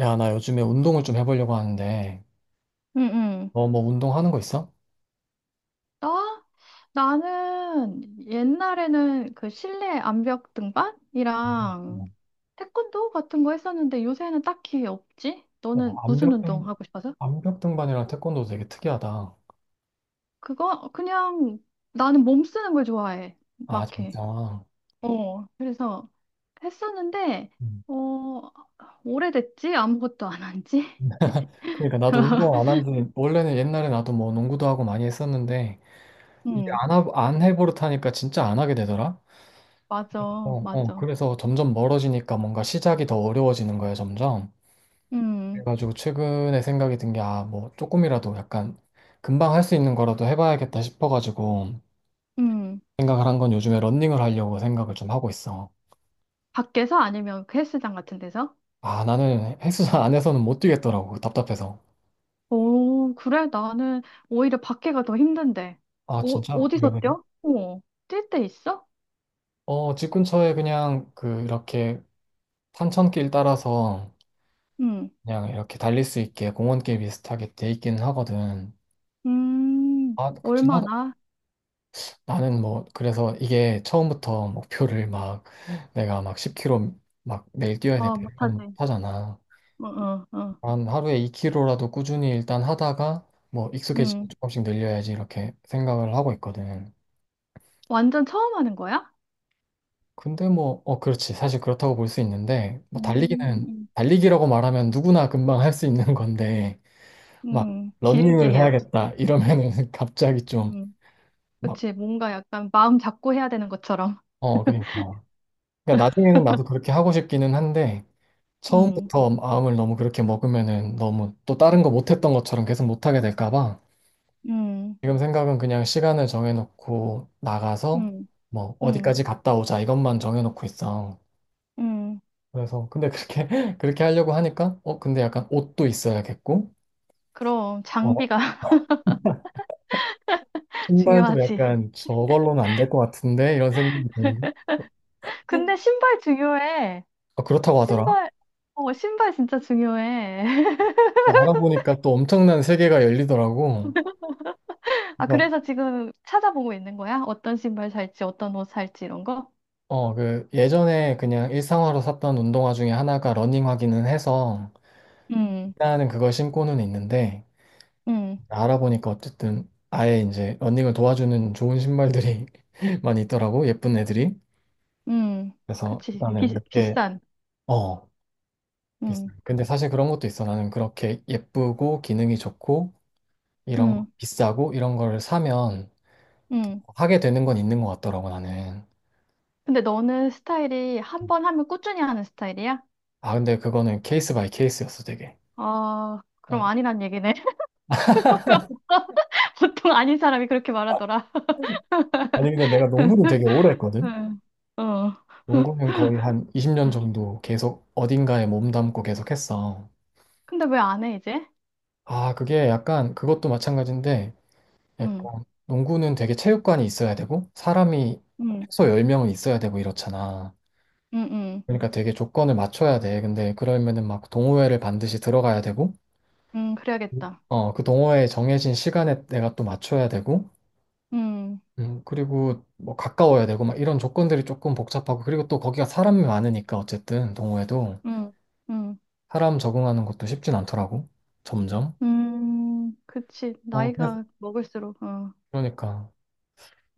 야, 나 요즘에 운동을 좀 해보려고 하는데, 응응. 너 뭐 운동하는 거 있어? 나? 나는 옛날에는 그 실내 암벽 등반이랑 음. 태권도 같은 거 했었는데 요새는 딱히 없지? 어, 너는 무슨 암벽등, 운동 하고 싶어서? 암벽등반이랑 태권도 되게 특이하다. 그거 그냥 나는 몸 쓰는 걸 좋아해. 아, 막 해. 진짜. 그래서 했었는데 음. 어, 오래됐지? 아무것도 안 한 지? 그러니까 나도 운동 안 한 지, 원래는 옛날에 나도 뭐 농구도 하고 많이 했었는데, 이게 응. 안 해버릇하니까 진짜 안 하게 되더라? 맞아, 맞아. 그래서 점점 멀어지니까 뭔가 시작이 더 어려워지는 거야, 점점. 음. 그래가지고 최근에 생각이 든 게, 아, 뭐 조금이라도 약간 금방 할 수 있는 거라도 해봐야겠다 싶어가지고, 음. 생각을 한 건 요즘에 런닝을 하려고 생각을 좀 하고 있어. 밖에서 아니면 그 헬스장 같은 데서? 아, 나는 헬스장 안에서는 못 뛰겠더라고, 그 답답해서. 오, 그래? 나는 오히려 밖에가 더 힘든데. 아, 오, 진짜? 왜 어디서 그래? 뛰어? 어, 뛸 때 있어? 어, 집 근처에 그냥 그 이렇게 산천길 따라서 응. 그냥 이렇게 달릴 수 있게 공원길 비슷하게 돼 있기는 하거든. 아, 그치만 얼마나? 나는 뭐, 그래서 이게 처음부터 목표를 막 내가 막 10km 막 매일 뛰어야 돼. 와, 이렇게는 못 못하지. 하잖아. 어, 어, 어. 한 하루에 2kg라도 꾸준히 일단 하다가 뭐 익숙해지면 음, 조금씩 늘려야지 이렇게 생각을 하고 있거든. 완전 처음 하는 거야? 근데 뭐, 그렇지. 사실 그렇다고 볼 수 있는데, 뭐 음. 달리기는, 음. 달리기라고 말하면 누구나 금방 할 수 있는 건데, 음. 막 응. 길게 러닝을 해야지. 해야겠다 이러면은 갑자기 좀 음, 막, 그치. 뭔가 약간 마음 잡고 해야 되는 것처럼. 어, 그러니까. 그러니까 나중에는 나도 그렇게 하고 싶기는 한데, 음. 처음부터 마음을 너무 그렇게 먹으면은 너무 또 다른 거 못했던 것처럼 계속 못하게 될까 봐. 음. 지금 생각은 그냥 시간을 정해놓고 나가서 음. 뭐 음. 어디까지 갔다 오자 이것만 정해놓고 있어. 음. 그래서 근데 그렇게 그렇게 하려고 하니까 근데 약간 옷도 있어야겠고 그럼 어 장비가 신발도 중요하지. 약간 저걸로는 안 될 것 같은데 이런 생각이 들고 근데 신발 중요해. 어, 그렇다고 하더라. 신발, 어, 신발 진짜 중요해. 알아보니까 또 엄청난 세계가 열리더라고. 아, 그래서 그래서 지금 찾아보고 있는 거야? 어떤 신발 살지, 어떤 옷 살지, 이런 거? 그 예전에 그냥 일상화로 샀던 운동화 중에 하나가 러닝화기는 해서 음. 일단은 그걸 신고는 있는데. 음. 알아보니까 어쨌든 아예 이제 러닝을 도와주는 좋은 신발들이 많이 있더라고, 예쁜 애들이. 음. 음. 그래서 그치. 나는 비, 몇개어 비싼. 음. 비싸요. 근데 사실 그런 것도 있어. 나는 그렇게 예쁘고 기능이 좋고 이런 거 음. 비싸고 이런 거를 사면 음. 하게 되는 건 있는 것 같더라고, 나는. 근데 너는 스타일이 한번 하면 꾸준히 하는 스타일이야? 아, 근데 그거는 케이스 바이 케이스였어, 되게. 아, 그럼 어. 아니란 얘기네. 보통 아닌 사람이 그렇게 말하더라. 아니 근데 내가 농구는 되게 오래 했거든. 응. 어. 농구는 거의 한 20년 정도 계속 어딘가에 몸담고 계속 했어. 근데 왜 안 해, 이제? 아, 그게 약간 그것도 마찬가지인데, 응, 약간 농구는 되게 체육관이 있어야 되고 사람이 응, 최소 10명은 있어야 되고 이렇잖아. 응, 응, 그러니까 되게 조건을 맞춰야 돼. 근데 그러면은 막 동호회를 반드시 들어가야 되고 응, 그래야겠다. 어, 그 동호회에 정해진 시간에 내가 또 맞춰야 되고 음. 그리고 뭐 가까워야 되고 막 이런 조건들이 조금 복잡하고, 그리고 또 거기가 사람이 많으니까 어쨌든 동호회도 음. 음. 사람 적응하는 것도 쉽진 않더라고. 점점. 음. 그치. 어, 그래서 나이가 먹을수록, 어, 그러니까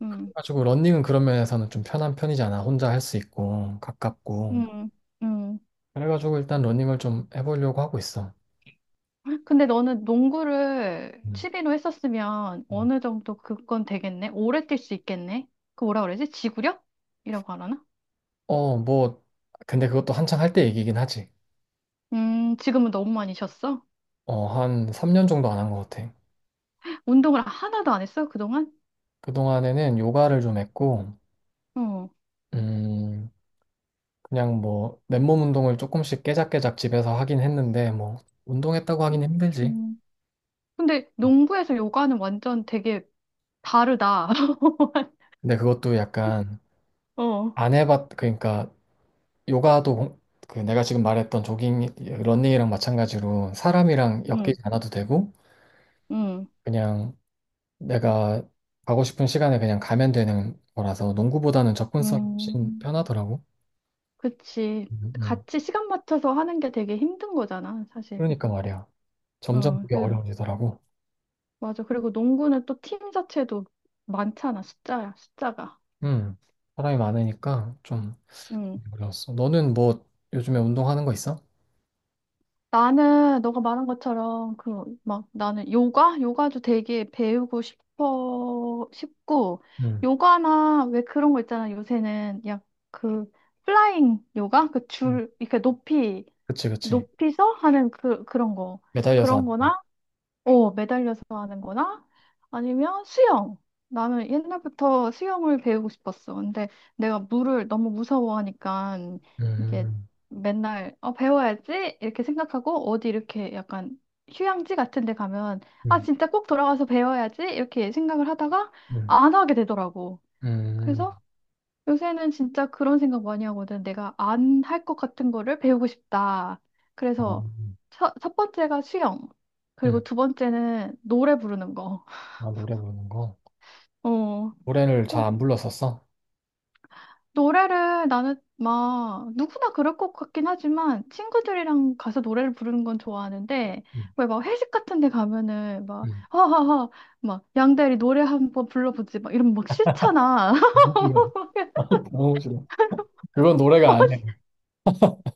음. 그래가지고 러닝은 그런 면에서는 좀 편한 편이잖아. 혼자 할 수 있고 가깝고. 음. 음. 그래가지고 일단 러닝을 좀 해보려고 하고 있어. 근데 너는 농구를 음. 취미로 했었으면 음. 어느 정도 그건 되겠네? 오래 뛸 수 있겠네? 그 뭐라 그러지? 지구력? 이라고 하나? 어, 뭐, 근데 그것도 한창 할 때 얘기긴 하지. 지금은 너무 많이 쉬었어? 어, 한 3년 정도 안 한 것 같아. 운동을 하나도 안 했어, 그동안? 그동안에는 요가를 좀 했고, 어. 음, 그냥 뭐, 맨몸 운동을 조금씩 깨작깨작 집에서 하긴 했는데, 뭐, 운동했다고 하긴 힘들지. 음. 근데 농구에서 요가는 완전 되게 다르다. 근데 그것도 약간 어. 안 해봤, 그러니까 요가도 그 내가 지금 말했던 조깅, 러닝이랑 마찬가지로 사람이랑 음. 엮이지 않아도 되고, 음. 그냥 내가 가고 싶은 시간에 그냥 가면 되는 거라서 농구보다는 접근성이 훨씬 음. 편하더라고. 그치. 음, 음. 같이 시간 맞춰서 하는 게 되게 힘든 거잖아, 사실. 그러니까 말이야. 점점 어, 그게 그래서, 어려워지더라고. 맞아. 그리고 농구는 또 팀 자체도 많잖아, 숫자야, 숫자가. 음, 사람이 많으니까 좀 음. 어려웠어. 너는 뭐 요즘에 운동하는 거 있어? 나는, 너가 말한 것처럼, 그, 막, 나는 요가? 요가도 되게 배우고 싶어, 싶고, 음, 요가나 왜 그런 거 있잖아, 요새는. 야, 그, 플라잉 요가? 그 음. 줄, 이렇게 높이, 그치, 그치. 높이서 하는 그, 그런 거. 매달려서 그런 하는 거. 거나, 어, 매달려서 하는 거나 아니면 수영. 나는 옛날부터 수영을 배우고 싶었어. 근데 내가 물을 너무 무서워하니까 이게 음, 맨날 배워야지 이렇게 생각하고 어디 이렇게 약간 휴양지 같은 데 가면 아, 음, 진짜 꼭 돌아가서 배워야지 이렇게 생각을 하다가 음, 안 하게 되더라고. 음. 그래서 요새는 진짜 그런 생각 많이 하거든. 내가 안 할 것 같은 거를 배우고 싶다. 어, 그래서 첫 번째가 수영. 그리고 음. 두 번째는 노래 부르는 거. 아, 노래 부르는 거. 어. 노래를 그 잘 안 불렀었어? 노래를 나는 막 누구나 그럴 것 같긴 하지만 친구들이랑 가서 노래를 부르는 건 좋아하는데 음, 왜 막 회식 같은 데 가면은 막 음. 허허허 막 양대리 노래 한번 불러보지 막 이러면 막 싫잖아. 너무 싫어. 너무 싫어. 그건 노래가 아니야.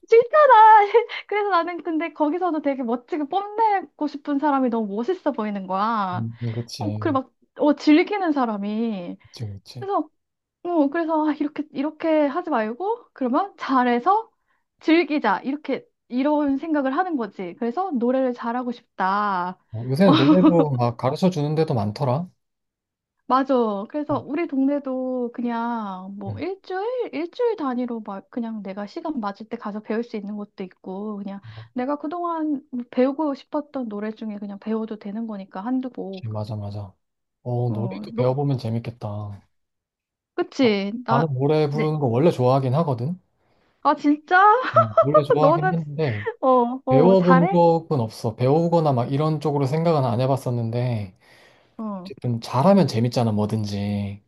싫잖아. 그래서 나는 근데 거기서도 되게 멋지게 뽐내고 싶은 사람이 너무 멋있어 보이는 거야. 그치. 어, 그리고 막, 어, 즐기는 사람이. 그치, 그치. 그래서, 어, 그래서 아, 이렇게, 이렇게 하지 말고, 그러면 잘해서 즐기자. 이렇게, 이런 생각을 하는 거지. 그래서 노래를 잘하고 싶다. 어, 어, 요새는 노래도 막 가르쳐 주는 데도 많더라. 맞아. 어, 그래서 우리 동네도 그냥 뭐 응. 일주일, 일주일 단위로 막 그냥 내가 시간 맞을 때 가서 배울 수 있는 것도 있고, 그냥 내가 그동안 뭐 배우고 싶었던 노래 중에 그냥 배워도 되는 거니까 한두 곡. 그치, 맞아, 맞아. 어, 어, 노래도 너, 배워보면 재밌겠다. 아, 그치? 나, 나는 노래 네. 부르는 거 원래 좋아하긴 하거든. 아, 진짜? 어, 원래 좋아하긴 너는, 했는데, 어, 어, 배워본 잘해? 적은 없어. 배우거나 막 이런 쪽으로 생각은 안 해봤었는데, 어, 어쨌든 잘하면 재밌잖아, 뭐든지.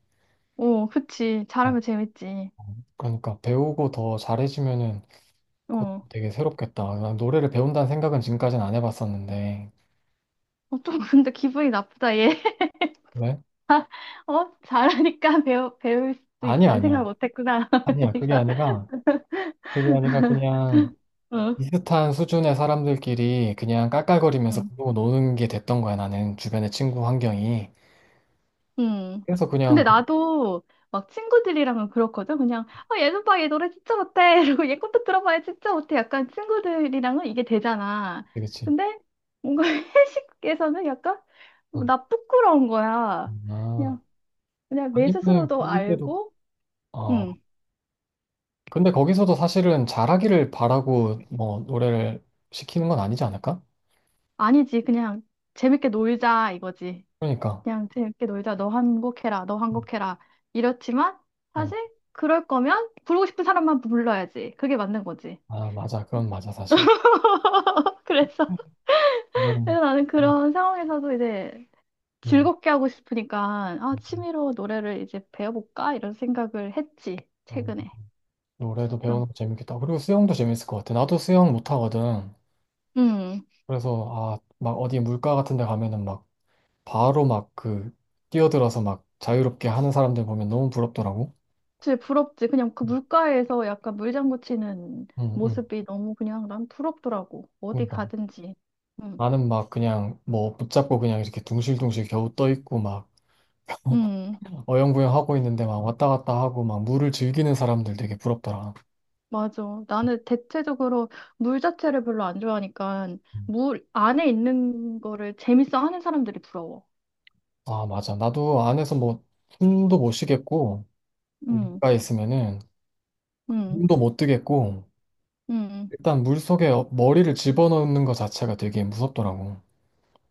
어, 그치. 어, 잘하면 재밌지. 그러니까 배우고 더 잘해지면은 그것도 어. 되게 새롭겠다. 난 노래를 배운다는 생각은 지금까지는 안 해봤었는데. 어, 좀 근데 기분이 나쁘다, 얘. 왜? 어? 잘하니까 배울 수 아니야, 있다는 생각을 아니야. 못 했구나. 아니야, 그게 내가. 아니라, 그냥 어. 비슷한 수준의 사람들끼리 그냥 깔깔거리면서 음. 부르고 노는 게 됐던 거야, 나는. 주변의 친구 환경이. 음. 그래서 그냥, 근데 나도 막 친구들이랑은 그렇거든. 그냥, 아, 얘는 봐, 얘전 봐얘 노래 진짜 못해. 이러고 얘 것도 들어봐야 진짜 못해. 약간 친구들이랑은 이게 되잖아. 그치. 근데 뭔가 회식에서는 약간 뭐 어, 나 부끄러운 거야. 아, 그냥, 그냥 내 아니면 스스로도 부를 때도, 알고, 어. 음, 근데 거기서도 사실은 잘하기를 바라고 뭐 노래를 시키는 건 아니지 않을까? 아니지. 그냥 재밌게 놀자 이거지. 그러니까. 그냥 재밌게 놀자. 너 한 곡 해라. 너 한 곡 해라. 이렇지만 어. 사실 그럴 거면 부르고 싶은 사람만 불러야지. 그게 맞는 거지. 아, 맞아. 그건 맞아, 사실. 그래서, 이거는, 그래서 나는 음, 그런 상황에서도 이제 음, 즐겁게 하고 싶으니까, 아, 음, 음. 취미로 노래를 이제 배워볼까? 이런 생각을 했지, 음. 최근에. 노래도 그래서, 배우는 거 재밌겠다. 그리고 수영도 재밌을 것 같아. 나도 수영 못하거든. 음, 그래서, 아, 막 어디 물가 같은 데 가면은 막 바로 막 그 뛰어들어서 막 자유롭게 하는 사람들 보면 너무 부럽더라고. 진짜 부럽지. 그냥 그 물가에서 약간 물장구 치는 응, 응. 모습이 너무 그냥 난 부럽더라고. 어디 그러니까 가든지. 음. 나는 막 그냥 뭐 붙잡고 그냥 이렇게 둥실둥실 겨우 떠 있고 막 음. 어영부영 하고 있는데 막 왔다 갔다 하고 막 물을 즐기는 사람들 되게 부럽더라. 맞아. 나는 대체적으로 물 자체를 별로 안 좋아하니까 음. 물 안에 있는 거를 재밌어 하는 사람들이 부러워. 아, 맞아. 나도 안에서 뭐 숨도 못 쉬겠고 음. 물가 있으면은 음. 눈도 못 뜨겠고 음. 일단 물 속에 머리를 집어넣는 것 자체가 되게 무섭더라고.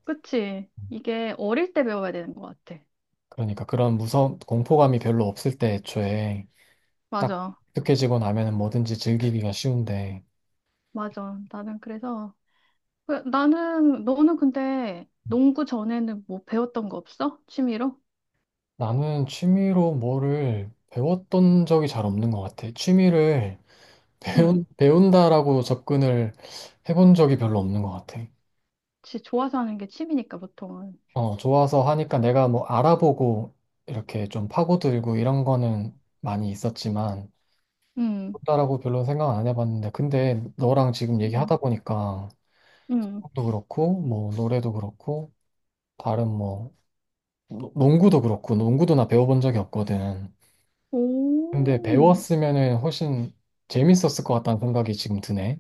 그치. 이게 어릴 때 배워야 되는 것 같아. 그러니까 그런 무서 공포감이 별로 없을 때 애초에 딱 맞아. 익숙해지고 나면은 뭐든지 즐기기가 쉬운데 맞아. 나는 그래서, 나는, 너는 근데 농구 전에는 뭐 배웠던 거 없어? 취미로? 나는 취미로 뭐를 배웠던 적이 잘 없는 것 같아. 취미를 응. 배운다라고 접근을 해본 적이 별로 없는 것 같아. 지 좋아서 하는 게 취미니까 보통은. 어, 좋아서 하니까 내가 뭐 알아보고 이렇게 좀 파고들고 이런 거는 많이 있었지만 응. 배운다라고 별로 생각 안 해봤는데 근데 너랑 지금 응. 얘기하다 보니까 응. 수영도 그렇고 뭐 노래도 그렇고 다른 뭐 농구도 그렇고 농구도 나 배워본 적이 없거든. 근데 오. 배웠으면은 훨씬 재밌었을 것 같다는 생각이 지금 드네.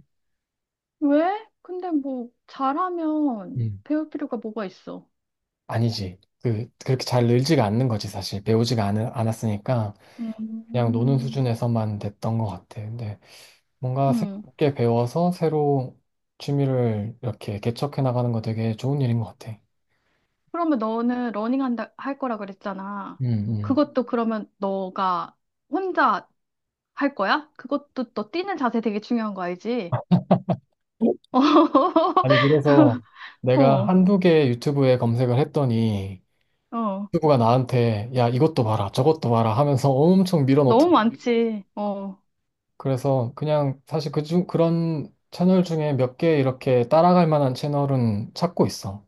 왜? 근데 뭐, 잘하면 음. 배울 필요가 뭐가 있어? 아니지. 그렇게 잘 늘지가 않는 거지, 사실. 않았으니까 그냥 노는 음. 수준에서만 됐던 것 같아. 근데 뭔가 응. 새롭게 배워서 새로 취미를 이렇게 개척해 나가는 거 되게 좋은 일인 것 같아. 그러면 너는 러닝 한다, 할 거라 그랬잖아. 음, 음. 그것도 그러면 너가 혼자 할 거야? 그것도 너 뛰는 자세 되게 중요한 거 알지? 아니, 음, 그래서 어, 내가 어. 한두 개 유튜브에 검색을 했더니 음, 유튜브가 나한테 야, 이것도 봐라, 저것도 봐라 하면서 엄청 너무 밀어넣더라고. 많지. 어. 그래서 그냥 사실 그런 채널 중에 몇 개 이렇게 따라갈 만한 채널은 찾고 있어.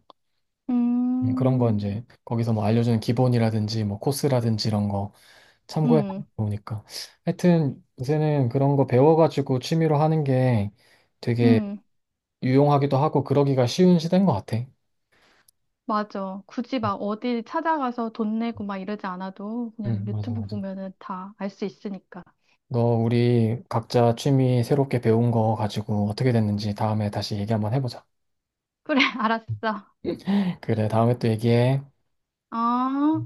그런 거 음. 이제 거기서 뭐 알려주는 기본이라든지 뭐 코스라든지 이런 거 참고해 음. 보니까. 하여튼 요새는 그런 거 배워가지고 취미로 하는 게 되게 음. 유용하기도 하고 그러기가 쉬운 시대인 것 같아. 맞아. 굳이 막 어디 찾아가서 돈 내고 막 이러지 않아도 그냥 응, 맞아, 유튜브 맞아. 보면은 다 알 수 있으니까. 너 우리 각자 취미 새롭게 배운 거 가지고 어떻게 됐는지 다음에 다시 얘기 한번 해보자. 그래, 알았어. 그래, 다음에 또 얘기해. 어.